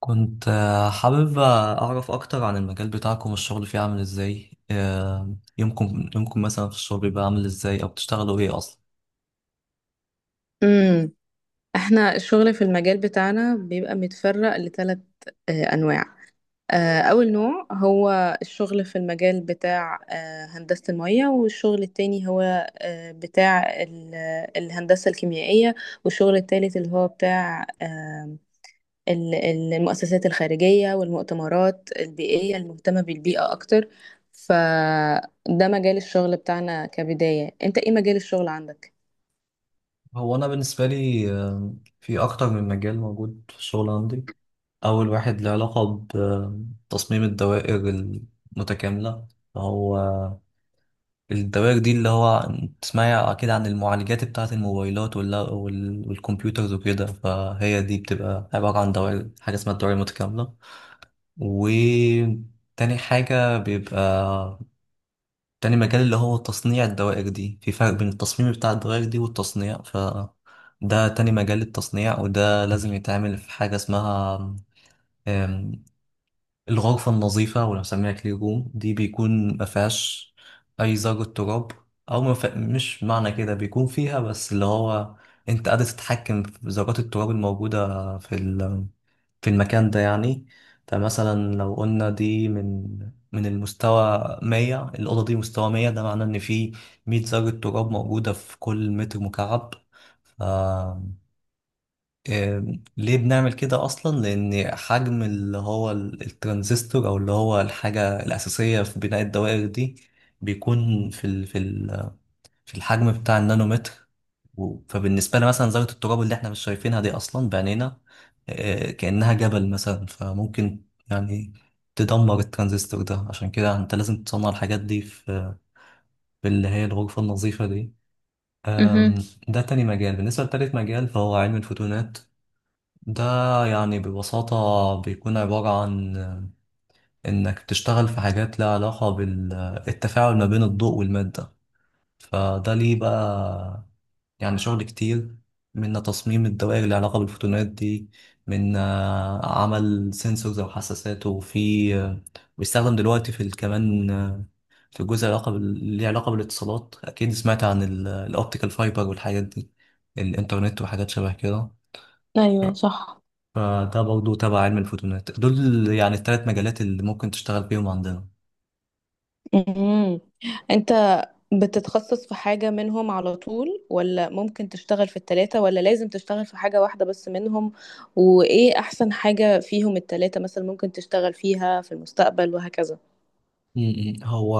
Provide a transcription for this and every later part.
كنت حابب أعرف أكتر عن المجال بتاعكم، الشغل فيه عامل إزاي؟ يومكم مثلا في الشغل بيبقى عامل إزاي، أو بتشتغلوا إيه أصلا؟ امم احنا الشغل في المجال بتاعنا بيبقى متفرق لثلاث انواع. اول نوع هو الشغل في المجال بتاع هندسة المياه، والشغل التاني هو آه، بتاع ال- الهندسة الكيميائية، والشغل التالت اللي هو بتاع المؤسسات الخارجية والمؤتمرات البيئية المهتمة بالبيئة اكتر. فده مجال الشغل بتاعنا كبداية، انت ايه مجال الشغل عندك؟ هو أنا بالنسبة لي في أكتر من مجال موجود في الشغل عندي. أول واحد له علاقة بتصميم الدوائر المتكاملة. هو الدوائر دي اللي هو تسمعي أكيد عن المعالجات بتاعة الموبايلات والكمبيوترز وكده، فهي دي بتبقى عبارة عن دوائر، حاجة اسمها الدوائر المتكاملة. وتاني حاجة بيبقى تاني مجال اللي هو تصنيع الدوائر دي. في فرق بين التصميم بتاع الدوائر دي والتصنيع، ف ده تاني مجال، التصنيع. وده لازم يتعمل في حاجة اسمها آم، الغرفة النظيفة، ولا بنسميها كلين روم. دي بيكون مفيهاش أي ذرة تراب. أو مش معنى كده بيكون فيها، بس اللي هو أنت قادر تتحكم في ذرات التراب الموجودة في المكان ده يعني. فمثلا لو قلنا دي من المستوى 100. الأوضة دي مستوى 100، ده معناه إن في 100 ذرة تراب موجودة في كل متر مكعب. ف ليه بنعمل كده أصلا؟ لأن حجم اللي هو الترانزستور، أو اللي هو الحاجة الأساسية في بناء الدوائر دي، بيكون في الحجم بتاع النانومتر. فبالنسبة لي مثلا ذرة التراب اللي احنا مش شايفينها دي أصلا بعينينا، كأنها جبل مثلا. فممكن يعني تدمر الترانزستور ده. عشان كده انت لازم تصنع الحاجات دي في اللي هي الغرفة النظيفة دي. امم ده تاني مجال. بالنسبة لتالت مجال فهو علم الفوتونات. ده يعني ببساطة بيكون عبارة عن إنك تشتغل في حاجات لها علاقة بالتفاعل ما بين الضوء والمادة. فده ليه بقى يعني شغل كتير، من تصميم الدوائر اللي علاقة بالفوتونات دي، من عمل سنسورز أو حساسات، وفي بيستخدم دلوقتي في كمان في جزء ليه علاقة بالاتصالات. أكيد سمعت عن الأوبتيكال فايبر والحاجات دي، الإنترنت وحاجات شبه كده. ايوه صح. فده برضه تبع علم الفوتونات. دول يعني الثلاث مجالات اللي ممكن تشتغل بيهم عندنا. امم انت بتتخصص في حاجة منهم على طول، ولا ممكن تشتغل في التلاتة، ولا لازم تشتغل في حاجة واحدة بس منهم؟ وايه احسن حاجة فيهم التلاتة مثلا ممكن تشتغل فيها في المستقبل وهكذا؟ م- م. هو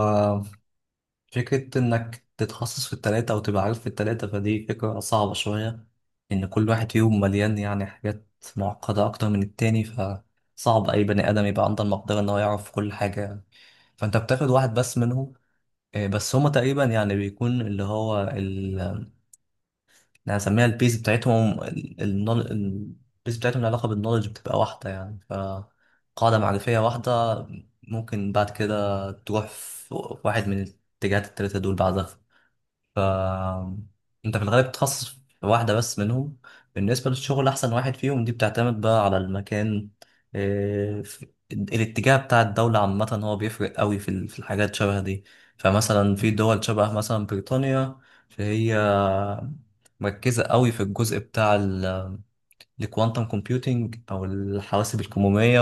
فكرة إنك تتخصص في التلاتة أو تبقى عارف في التلاتة، فدي فكرة صعبة شوية. إن كل واحد فيهم مليان يعني حاجات معقدة أكتر من التاني. فصعب أي بني آدم يبقى عنده المقدرة إن هو يعرف كل حاجة يعني. فأنت بتاخد واحد بس منهم. بس هما تقريبا يعني بيكون اللي هو ال اللي هنسميها البيز بتاعتهم، البيز بتاعتهم، العلاقة بالنولج بتبقى واحدة يعني، فقاعدة معرفية واحدة. ممكن بعد كده تروح في واحد من الاتجاهات التلاتة دول بعدها. ف انت في الغالب بتتخصص في واحدة بس منهم. بالنسبة للشغل، أحسن واحد فيهم دي بتعتمد بقى على المكان. إيه، الاتجاه بتاع الدولة عامة هو بيفرق قوي في في الحاجات شبه دي. فمثلا في دول شبه مثلا بريطانيا، فهي مركزة قوي في الجزء بتاع الكوانتم كومبيوتينج، أو الحواسب الكمومية.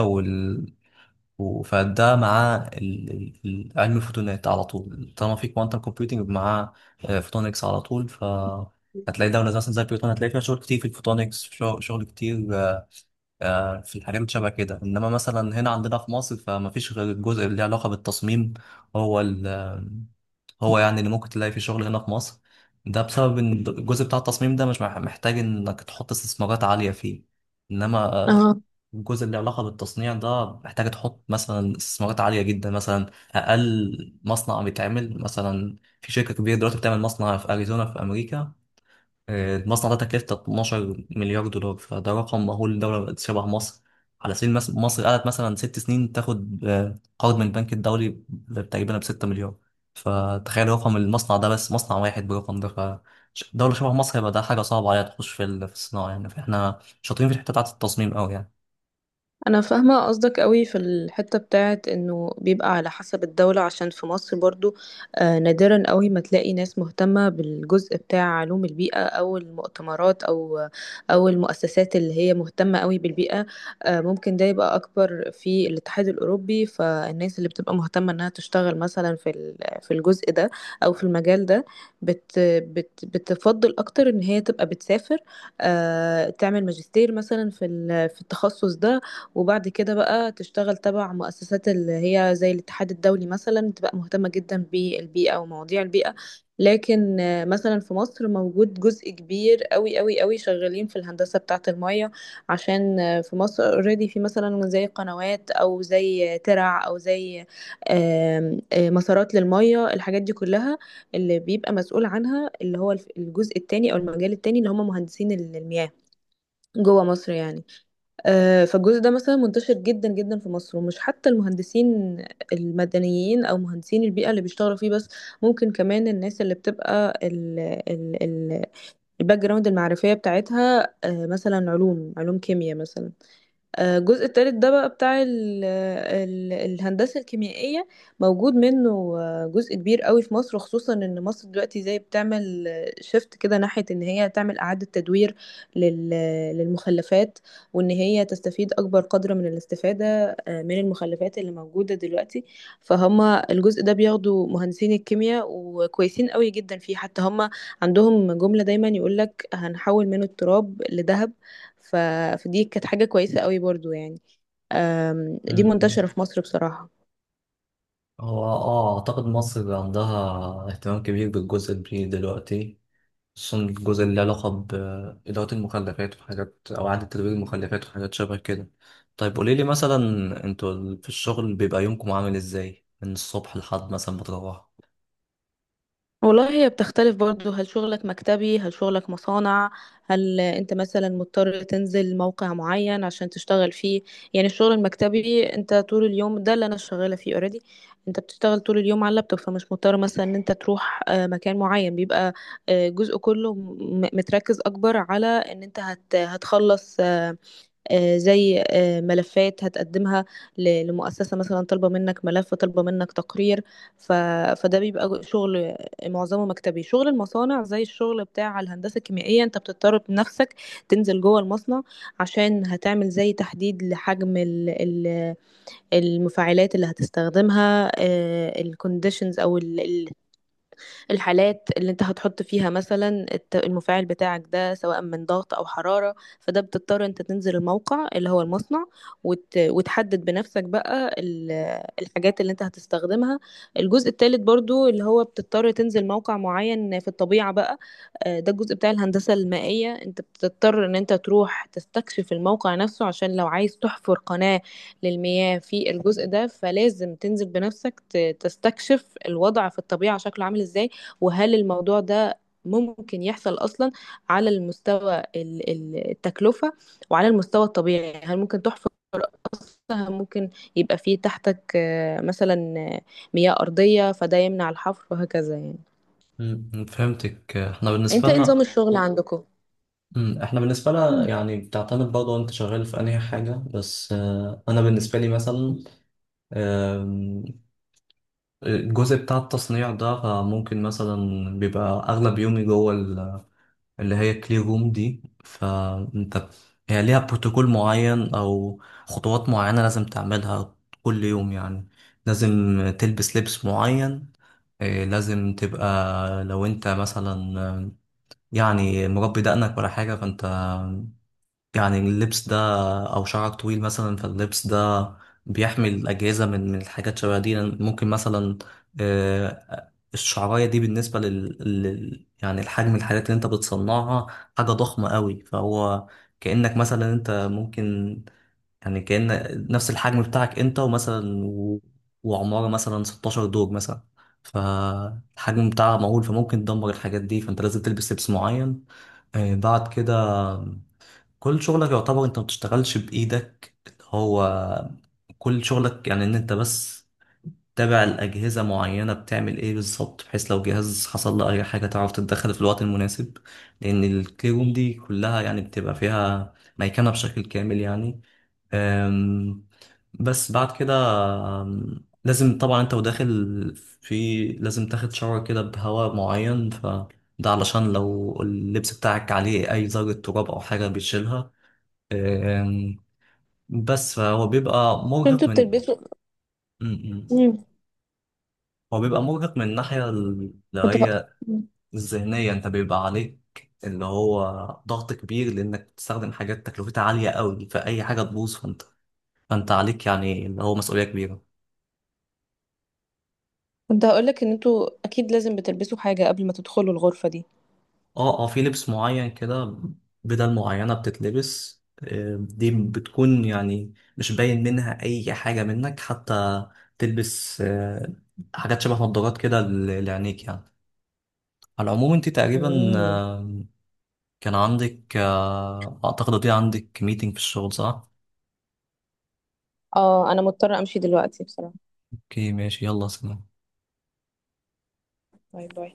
فده مع علم الفوتونات على طول، طالما في كوانتم كومبيوتنج مع فوتونكس على طول. ف هتلاقي دولة زي مثلا زي البيوتون، هتلاقي فيها شغل كتير في الفوتونكس. شغل كتير في الحاجات اللي شبه كده. انما مثلا هنا عندنا في مصر، فما فيش غير الجزء اللي له علاقة بالتصميم، هو ال آه، هو يعني اللي ممكن تلاقي فيه شغل هنا في مصر. ده بسبب ان الجزء بتاع التصميم ده مش محتاج انك تحط استثمارات عالية فيه. انما الجزء اللي علاقة بالتصنيع ده محتاج تحط مثلا استثمارات عالية جدا. مثلا أقل مصنع بيتعمل مثلا، في شركة كبيرة دلوقتي بتعمل مصنع في أريزونا في أمريكا. المصنع ده تكلفته 12 مليار دولار، فده رقم مهول لدولة بقت شبه مصر. على سبيل المثال، مصر قعدت مثلا 6 سنين تاخد قرض من البنك الدولي تقريبا ب 6 مليار. فتخيل رقم المصنع ده، بس مصنع واحد برقم ده، فدولة شبه مصر يبقى ده حاجة صعبة عليها تخش في في الصناعة يعني. فاحنا شاطرين في الحتة بتاعت التصميم أوي يعني. انا فاهمه قصدك قوي في الحته بتاعت انه بيبقى على حسب الدوله. عشان في مصر برضو نادرا قوي ما تلاقي ناس مهتمه بالجزء بتاع علوم البيئه، او المؤتمرات، او المؤسسات اللي هي مهتمه قوي بالبيئه. ممكن ده يبقى اكبر في الاتحاد الاوروبي، فالناس اللي بتبقى مهتمه انها تشتغل مثلا في الجزء ده او في المجال ده بت بت بتفضل اكتر ان هي تبقى بتسافر، تعمل ماجستير مثلا في التخصص ده، وبعد كده بقى تشتغل تبع مؤسسات اللي هي زي الاتحاد الدولي، مثلا تبقى مهتمة جدا بالبيئة ومواضيع البيئة. لكن مثلا في مصر موجود جزء كبير قوي قوي قوي شغالين في الهندسة بتاعة المية، عشان في مصر اوريدي في مثلا زي قنوات، او زي ترع، او زي آم، آه، مسارات للمية، الحاجات دي كلها اللي بيبقى مسؤول عنها اللي هو الجزء التاني او المجال التاني اللي هم مهندسين المياه جوه مصر يعني. فالجزء ده مثلا منتشر جدا جدا في مصر، ومش حتى المهندسين المدنيين او مهندسين البيئه اللي بيشتغلوا فيه بس، ممكن كمان الناس اللي بتبقى ال ال ال الباك جراوند المعرفيه بتاعتها مثلا علوم، علوم كيمياء مثلا. الجزء التالت ده بقى بتاع ال ال الهندسة الكيميائية موجود منه جزء كبير قوي في مصر، خصوصا ان مصر دلوقتي زي بتعمل شيفت كده ناحية ان هي تعمل اعادة تدوير لل- للمخلفات، وان هي تستفيد اكبر قدر من الاستفادة من المخلفات اللي موجودة دلوقتي. فهم الجزء ده بياخدوا مهندسين الكيمياء، وكويسين قوي جدا فيه، حتى هم عندهم جملة دايما يقولك هنحول منه التراب لذهب. ف... فدي كانت حاجة كويسة قوي برضو يعني. دي مم. منتشرة في مصر بصراحة. هو اعتقد مصر عندها اهتمام كبير بالجزء البيئي دلوقتي، خصوصا الجزء اللي له علاقة بإدارة المخلفات وحاجات، أو إعادة تدوير المخلفات وحاجات شبه كده. طيب، قوليلي مثلا، انتوا في الشغل بيبقى يومكم عامل ازاي من الصبح لحد مثلا ما تروحوا؟ والله هي بتختلف برضو، هل شغلك مكتبي؟ هل شغلك مصانع؟ هل انت مثلا مضطر تنزل موقع معين عشان تشتغل فيه؟ يعني الشغل المكتبي انت طول اليوم، ده اللي انا شغالة فيه اوريدي، انت بتشتغل طول اليوم على اللابتوب، فمش مضطر مثلا ان انت تروح مكان معين. بيبقى جزء كله متركز اكبر على ان انت هتخلص زي ملفات هتقدمها لمؤسسة مثلا طالبة منك ملف، طالبة منك تقرير. ف... فده بيبقى شغل معظمه مكتبي. شغل المصانع زي الشغل بتاع الهندسة الكيميائية، انت بتضطر بنفسك تنزل جوه المصنع، عشان هتعمل زي تحديد لحجم المفاعلات اللي هتستخدمها، الكونديشنز الحالات اللي انت هتحط فيها مثلا المفاعل بتاعك ده، سواء من ضغط او حرارة، فده بتضطر انت تنزل الموقع اللي هو المصنع وتحدد بنفسك بقى الحاجات اللي انت هتستخدمها. الجزء الثالث برضو اللي هو بتضطر تنزل موقع معين في الطبيعة بقى. ده الجزء بتاع الهندسة المائية، انت بتضطر ان انت تروح تستكشف الموقع نفسه، عشان لو عايز تحفر قناة للمياه في الجزء ده، فلازم تنزل بنفسك تستكشف الوضع في الطبيعة شكله عامل ازاي، وهل الموضوع ده ممكن يحصل أصلا على المستوى التكلفة، وعلى المستوى الطبيعي هل ممكن تحفر أصلا، هل ممكن يبقى فيه تحتك آه، مثلا آه، مياه أرضية فده يمنع الحفر وهكذا يعني. فهمتك. احنا بالنسبة انت ايه نظام لنا. الشغل عندكم؟ احنا بالنسبة لنا مم. يعني بتعتمد برضه انت شغال في انهي حاجة. بس انا بالنسبة لي مثلا الجزء بتاع التصنيع ده، فممكن مثلا بيبقى أغلب يومي جوه اللي هي كلير روم دي. فأنت، هي ليها بروتوكول معين أو خطوات معينة لازم تعملها كل يوم يعني. لازم تلبس لبس معين. إيه، لازم تبقى، لو أنت مثلا يعني مربي دقنك ولا حاجة، فأنت يعني اللبس ده، او شعرك طويل مثلا، فاللبس ده بيحمي الاجهزه من الحاجات شبه دي. ممكن مثلا الشعرايه دي بالنسبه يعني الحجم، الحاجات اللي انت بتصنعها حاجه ضخمه قوي. فهو كانك مثلا انت ممكن يعني كان نفس الحجم بتاعك انت ومثلا وعماره مثلا 16 دور مثلا، فالحجم بتاعها مهول، فممكن تدمر الحاجات دي، فانت لازم تلبس لبس معين. بعد كده كل شغلك يعتبر انت ما بتشتغلش بايدك. هو كل شغلك يعني ان انت بس تابع الاجهزه معينه بتعمل ايه بالظبط، بحيث لو جهاز حصل له اي حاجه تعرف تتدخل في الوقت المناسب. لان الكلي روم دي كلها يعني بتبقى فيها ميكنه بشكل كامل يعني. أم، بس بعد كده لازم طبعا انت وداخل في لازم تاخد شاور كده بهواء معين. ف ده علشان لو اللبس بتاعك عليه اي ذرة تراب او حاجة بيشيلها. أم، بس فهو بيبقى مرهق انتوا من بتلبسوا؟ م- م. مم. هو بيبقى مرهق من الناحية اللي كنت ه... هي مم. الذهنية. انت بيبقى عليك اللي هو ضغط كبير، لانك بتستخدم حاجات تكلفتها عالية قوي. فأي حاجة تبوظ فانت عليك يعني اللي هو مسؤولية كبيرة. كنت هقولك ان انتوا اكيد لازم بتلبسوا حاجة قبل ما تدخلوا الغرفة دي. اه، اه، في لبس معين كده. بدل معينة بتتلبس. دي بتكون يعني مش باين منها أي حاجة منك حتى. تلبس حاجات شبه نظارات كده لعينيك يعني. على العموم، انت تقريبا مم. كان عندك اعتقد دي عندك ميتنج في الشغل صح؟ اه انا مضطرة امشي دلوقتي بصراحة. اوكي، ماشي، يلا، سلام. باي باي.